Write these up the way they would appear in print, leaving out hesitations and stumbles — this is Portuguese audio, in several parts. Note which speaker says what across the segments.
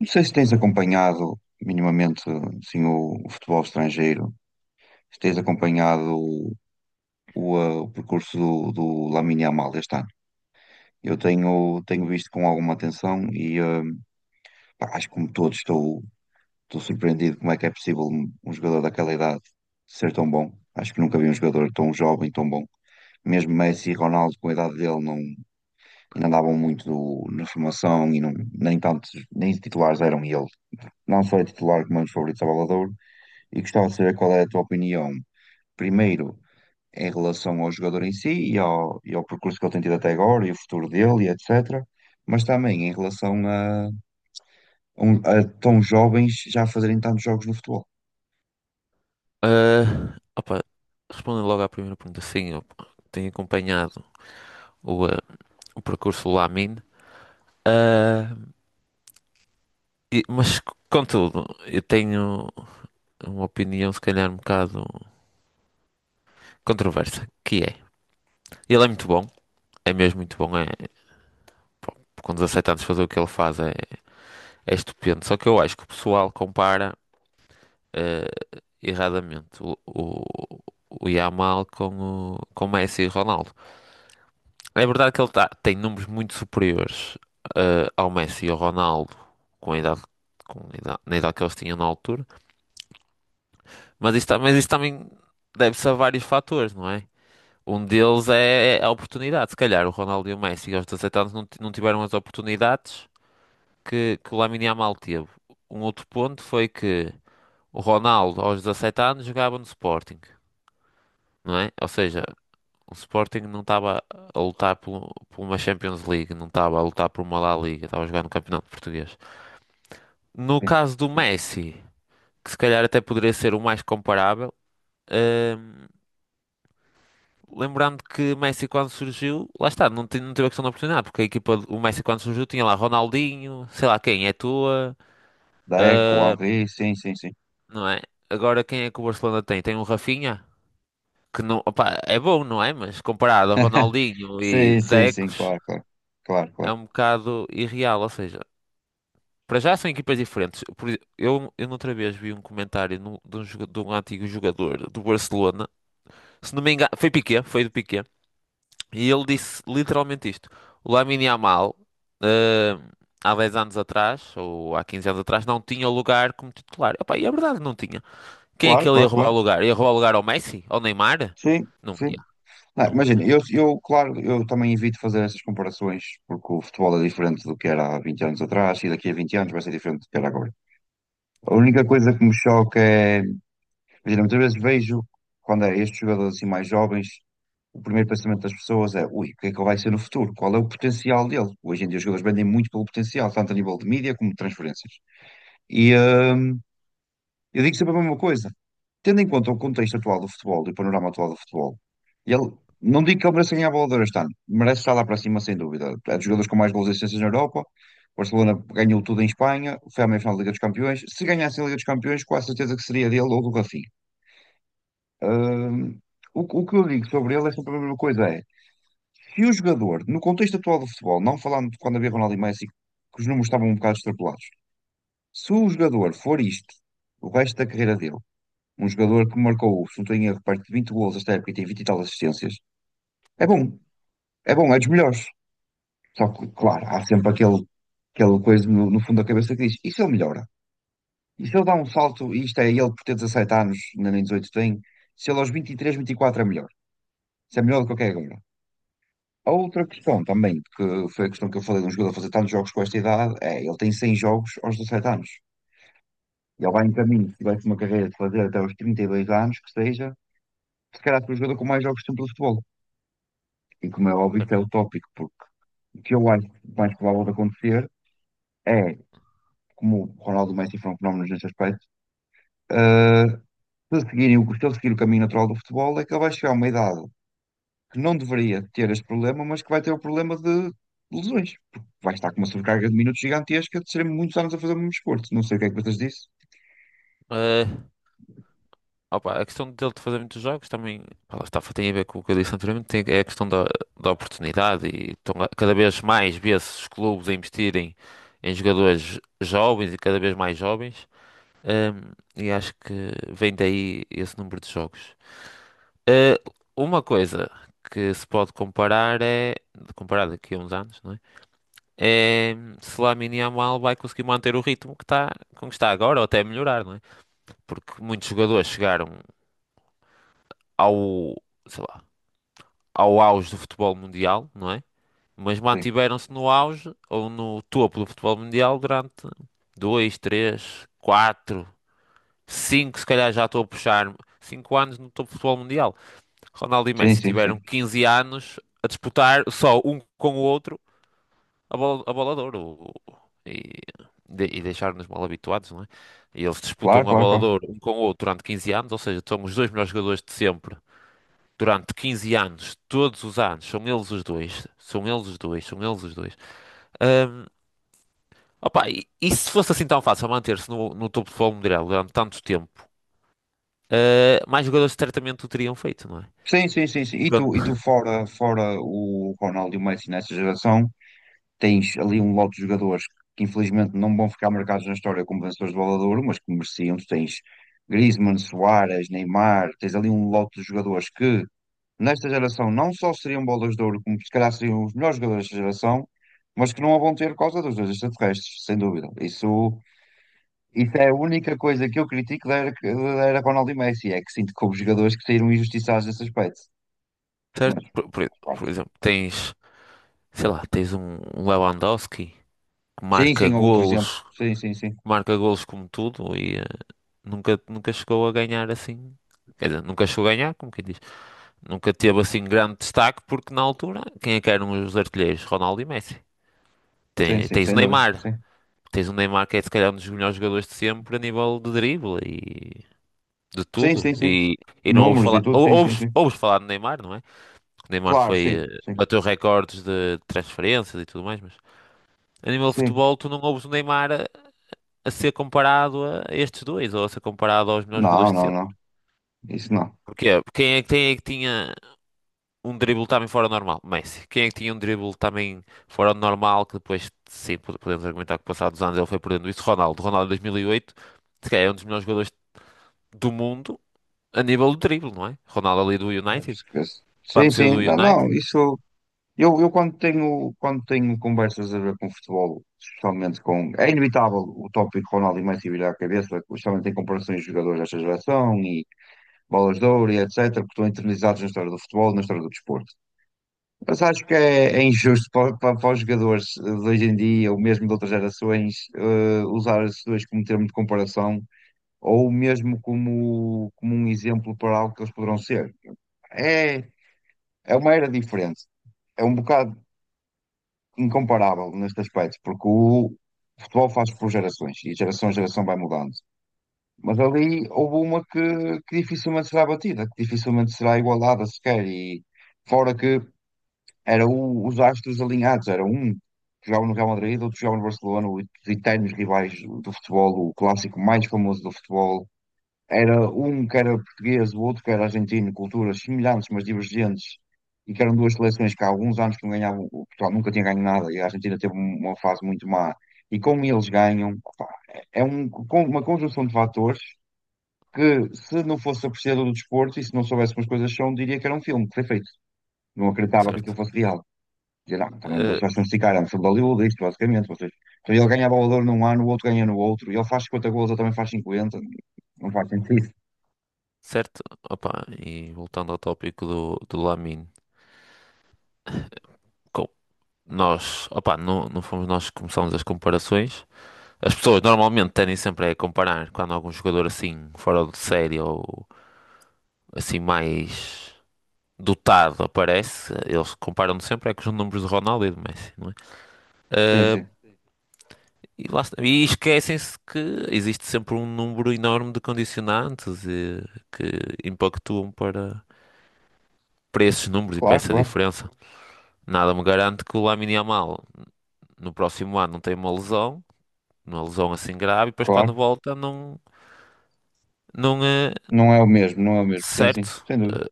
Speaker 1: Não sei se tens acompanhado minimamente assim, o futebol estrangeiro, se tens acompanhado o percurso do Lamine Yamal este ano. Eu tenho visto com alguma atenção e pá, acho que como todos estou surpreendido como é que é possível um jogador daquela idade ser tão bom. Acho que nunca vi um jogador tão jovem, tão bom. Mesmo Messi e Ronaldo, com a idade dele, não, ainda andavam muito na formação e não, nem tantos, nem titulares eram ele. Não só é titular como é um dos favoritos à Bola de Ouro e gostava de saber qual é a tua opinião, primeiro, em relação ao jogador em si e e ao percurso que ele tem tido até agora e o futuro dele e etc. Mas também em relação a, a tão jovens já fazerem tantos jogos no futebol.
Speaker 2: Ah, opa, Respondendo logo à primeira pergunta, sim, eu tenho acompanhado o, ah, o percurso do Lamine. Ah, e- mas, Contudo, eu tenho uma opinião, se calhar, um bocado controversa, que é, ele é muito bom, é mesmo muito bom, é, pá, com 17 anos fazer o que ele faz é, é estupendo, só que eu acho que o pessoal compara, erradamente o Yamal com o Messi e Ronaldo. É verdade que tem números muito superiores ao Messi e ao Ronaldo com a idade, na idade que eles tinham na altura, mas mas isso também deve-se a vários fatores, não é? Um deles é a oportunidade. Se calhar o Ronaldo e o Messi aos 17 anos não tiveram as oportunidades que o Lamine Yamal teve. Um outro ponto foi que o Ronaldo aos 17 anos jogava no Sporting, não é? Ou seja, o Sporting não estava a por uma Champions League, não estava a lutar por uma La Liga, estava a jogar no Campeonato Português. No
Speaker 1: Sim,
Speaker 2: caso do
Speaker 1: sim, sim.
Speaker 2: Messi, que se calhar até poderia ser o mais comparável, hum, lembrando que Messi quando surgiu, lá está, não teve a questão da oportunidade, porque a o Messi quando surgiu tinha lá Ronaldinho, sei lá quem, é tua,
Speaker 1: Deco, Henry, sim, sim, sim.
Speaker 2: não é? Agora quem é que o Barcelona tem? Tem um Rafinha, que não, opá, é bom, não é? Mas comparado a Ronaldinho e
Speaker 1: Sim, sim, sim,
Speaker 2: Decos,
Speaker 1: claro, claro. Claro,
Speaker 2: é
Speaker 1: claro.
Speaker 2: um bocado irreal, ou seja. Para já são equipas diferentes. Eu noutra vez vi um de de um antigo jogador do Barcelona, se não me engano, foi Piqué, foi do Piqué, e ele disse literalmente isto: o Lamine Yamal, eh, há 10 anos atrás, ou há 15 anos atrás, não tinha lugar como titular. Epá, e é verdade, não tinha. Quem é
Speaker 1: Claro,
Speaker 2: que ele ia
Speaker 1: claro,
Speaker 2: roubar o
Speaker 1: claro.
Speaker 2: lugar? Ia roubar o lugar ao Messi? Ao Neymar?
Speaker 1: Sim,
Speaker 2: Não ia,
Speaker 1: sim. Não,
Speaker 2: não
Speaker 1: imagina,
Speaker 2: ia.
Speaker 1: eu, claro, eu também evito fazer essas comparações porque o futebol é diferente do que era há 20 anos atrás e daqui a 20 anos vai ser diferente do que era agora. A única coisa que me choca é, imagina, muitas vezes vejo quando é estes jogadores assim mais jovens, o primeiro pensamento das pessoas é, ui, o que é que ele vai ser no futuro? Qual é o potencial dele? Hoje em dia os jogadores vendem muito pelo potencial, tanto a nível de mídia como de transferências. E, hum, eu digo sempre a mesma coisa. Tendo em conta o contexto atual do futebol e o panorama atual do futebol, ele, não digo que ele mereça ganhar a Bola de Ouro este ano, merece estar lá para cima, sem dúvida. É dos jogadores com mais gols e assistências na Europa. O Barcelona ganhou tudo em Espanha, foi à meia-final da Liga dos Campeões. Se ganhasse a Liga dos Campeões, com a certeza que seria dele ou do Rafinha. Hum, o que eu digo sobre ele é sempre a mesma coisa: é se o jogador, no contexto atual do futebol, não falando de quando havia Ronaldo e Messi, que os números estavam um bocado extrapolados, se o jogador for isto, o resto da carreira dele, um jogador que marcou, se não tenho erro, perto de 20 gols esta época e tem 20 e tal assistências. É bom, é bom, é dos melhores. Só que, claro, há sempre aquela coisa no fundo da cabeça que diz: e se ele melhora? E se ele dá um salto, e isto é ele por ter 17 anos, ainda nem 18 tem, se ele aos 23, 24 é melhor. Se é melhor do que o que é agora. A outra questão também, que foi a questão que eu falei de um jogador fazer tantos jogos com esta idade, é ele tem 100 jogos aos 17 anos. Ele vai em caminho, se tivesse uma carreira de fazer até aos 32 anos, que seja, se calhar foi o jogador com mais jogos de sempre do futebol. E como é óbvio, isto é utópico, porque o que eu acho mais provável de acontecer é, como o Ronaldo e o Messi foram fenómenos neste aspecto, ah, se, seguirem, se ele seguir o caminho natural do futebol, é que ele vai chegar a uma idade que não deveria ter este problema, mas que vai ter o problema de lesões. Porque vai estar com uma sobrecarga de minutos gigantesca de serem muitos anos a fazer o mesmo desporto. Não sei o que é que vocês dizem.
Speaker 2: Ah, a questão dele de fazer muitos jogos também, pá, lá está, tem a ver com o que eu disse anteriormente, tem, é a da oportunidade e cada vez mais vê-se os clubes a investirem em jogadores jovens e cada vez mais jovens. Ahm, e acho que vem daí esse número de jogos. Ah, uma coisa que se pode comparar é, comparar daqui a uns anos, não é? É se Lamine Yamal vai conseguir manter o ritmo que está, como está agora ou até melhorar, não é? Porque muitos jogadores chegaram ao sei lá, ao auge do futebol mundial, não é? Mas mantiveram-se no auge ou no topo do futebol mundial durante dois, três, quatro, cinco, se calhar já estou a puxar, cinco anos no topo do futebol mundial. Ronaldo e
Speaker 1: Sim,
Speaker 2: Messi
Speaker 1: sim, sim.
Speaker 2: tiveram
Speaker 1: Sim.
Speaker 2: 15 anos a disputar só um com o outro a bola de ouro. O- o- E, e deixaram-nos mal habituados, não é? E eles
Speaker 1: Claro,
Speaker 2: disputam a
Speaker 1: claro,
Speaker 2: bola de
Speaker 1: claro.
Speaker 2: ouro um com o outro durante 15 anos, ou seja, são os dois melhores jogadores de sempre durante 15 anos, todos os anos, são eles os dois, são eles os dois, são eles os dois. Ahm, Opa, e se fosse assim tão fácil manter-se no topo do futebol mundial durante tanto tempo, mais jogadores certamente o teriam feito, não é?
Speaker 1: Sim, sim, sim, sim.
Speaker 2: Quando-
Speaker 1: E tu fora o Ronaldo e o Messi nessa geração, tens ali um lote de jogadores que infelizmente não vão ficar marcados na história como vencedores de Bola de Ouro, mas que mereciam. Tu tens Griezmann, Suárez, Neymar, tens ali um lote de jogadores que nesta geração não só seriam bolas de ouro, como se calhar seriam os melhores jogadores desta geração, mas que não a vão ter por causa dos dois extraterrestres, sem dúvida. Isso, isso é a única coisa que eu critico da era Ronaldo e Messi, é que sinto que houve jogadores que saíram injustiçados nesse aspecto.
Speaker 2: Certo?
Speaker 1: Mas, pronto.
Speaker 2: Por exemplo, tens, sei lá, tens um Lewandowski que
Speaker 1: Sim, sim, outro exemplo. Sim, sim, sim.
Speaker 2: marca golos como tudo e nunca, nunca chegou a ganhar assim. Quer dizer, nunca chegou a ganhar, como quem diz. Nunca teve assim grande destaque porque na altura, quem é que eram os artilheiros? Ronaldo e Messi.
Speaker 1: Sim, sim,
Speaker 2: Tens o
Speaker 1: sem dúvida.
Speaker 2: Neymar.
Speaker 1: Sim.
Speaker 2: Tens o Neymar que é se calhar um dos melhores jogadores de sempre a nível de drible e de
Speaker 1: Sim,
Speaker 2: tudo.
Speaker 1: sim, sim.
Speaker 2: E não ouves
Speaker 1: Números e
Speaker 2: falar,
Speaker 1: tudo, sim, sim, sim.
Speaker 2: ouves falar do Neymar, não é? O Neymar
Speaker 1: Claro, sim,
Speaker 2: foi,
Speaker 1: sim,
Speaker 2: bateu recordes de transferências e tudo mais, mas a nível de
Speaker 1: sim.
Speaker 2: futebol tu não ouves a ser comparado a estes dois, ou a ser comparado aos melhores jogadores
Speaker 1: Não,
Speaker 2: de
Speaker 1: não,
Speaker 2: sempre.
Speaker 1: não. Isso não.
Speaker 2: Porquê? Quem é que tinha um drible também fora do normal. Messi. Quem é que tinha um drible também fora do normal, que depois, sim, podemos argumentar que passados anos ele foi perdendo isso? Ronaldo. Ronaldo em 2008, se calhar é um dos melhores jogadores do mundo a nível do drible, não é? Ronaldo ali do United.
Speaker 1: Esquece. Sim,
Speaker 2: Quando saiu do
Speaker 1: sim. Não, não,
Speaker 2: United,
Speaker 1: isso. Eu quando quando tenho conversas a ver com futebol, especialmente com. É inevitável o tópico Ronaldo e Messi virar a cabeça, especialmente em comparações de jogadores desta geração e bolas de ouro e etc., que estão internalizados na história do futebol, e na história do desporto. Mas acho que é injusto para, para os jogadores de hoje em dia, ou mesmo de outras gerações, usar esses dois como termo de comparação, ou mesmo como, como um exemplo para algo que eles poderão ser. É, é uma era diferente. É um bocado incomparável neste aspecto, porque o futebol faz por gerações, e geração a geração vai mudando. Mas ali houve uma que dificilmente será batida, que dificilmente será igualada sequer, e fora que era os astros alinhados, era um que jogava no Real Madrid, outro que jogava no Barcelona, os eternos rivais do futebol, o clássico mais famoso do futebol. Era um que era português, o outro que era argentino, culturas semelhantes, mas divergentes, e que eram duas seleções que há alguns anos que não ganhavam, o Portugal nunca tinha ganho nada, e a Argentina teve uma fase muito má. E como eles ganham, opá, é uma conjunção de fatores que, se não fosse apreciador do desporto e se não soubesse como as coisas são, diria que era um filme que foi feito. Não acreditava que
Speaker 2: certo.
Speaker 1: aquilo fosse real. Dizia, não, também
Speaker 2: Eh,
Speaker 1: vocês não se ficaram, se valeu disto, basicamente. Vocês... Então, ele ganha valor num ano, o outro ganha no outro, e ele faz 50 gols, ele também faz 50. Não faz sentido.
Speaker 2: certo. Opa, e voltando ao tópico do Lamine. com- Nós, opa, não, não fomos nós que começamos as comparações. As pessoas normalmente tendem sempre a comparar quando algum jogador assim fora de série ou assim mais dotado aparece, eles comparam sempre é com os números de Ronaldo e de Messi, não é?
Speaker 1: Sim,
Speaker 2: Ah,
Speaker 1: sim.
Speaker 2: e lá está. E esquecem-se que existe sempre um número enorme de condicionantes e que impactuam para esses números e para
Speaker 1: Claro,
Speaker 2: essa
Speaker 1: claro,
Speaker 2: diferença. Nada me garante que o Lamine Yamal no próximo ano não tenha uma lesão assim grave, e depois quando
Speaker 1: claro.
Speaker 2: volta não, não é
Speaker 1: Não é o mesmo, não é o mesmo. Sim, sim,
Speaker 2: certo.
Speaker 1: sem dúvida.
Speaker 2: Ah,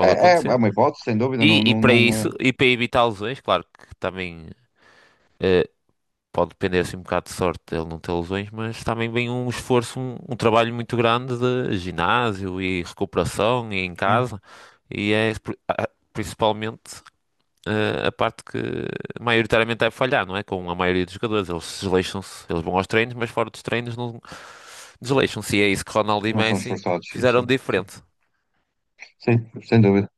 Speaker 1: É
Speaker 2: acontecer.
Speaker 1: uma hipótese, sem dúvida, não,
Speaker 2: E e
Speaker 1: não,
Speaker 2: para
Speaker 1: não, eh,
Speaker 2: isso, e para evitar lesões, claro que também. ah, Pode depender assim um bocado de sorte dele não ter lesões, mas também vem um esforço, um trabalho muito grande de ginásio e recuperação e em
Speaker 1: sim,
Speaker 2: casa. E é principalmente a parte que maioritariamente deve falhar, não é? Com a maioria dos jogadores, eles desleixam-se, eles vão aos treinos, mas fora dos treinos não desleixam-se. E é isso que Ronaldo e
Speaker 1: não são
Speaker 2: Messi
Speaker 1: esforçados, sim,
Speaker 2: fizeram de
Speaker 1: sim, sim,
Speaker 2: diferente.
Speaker 1: sim, sem dúvida.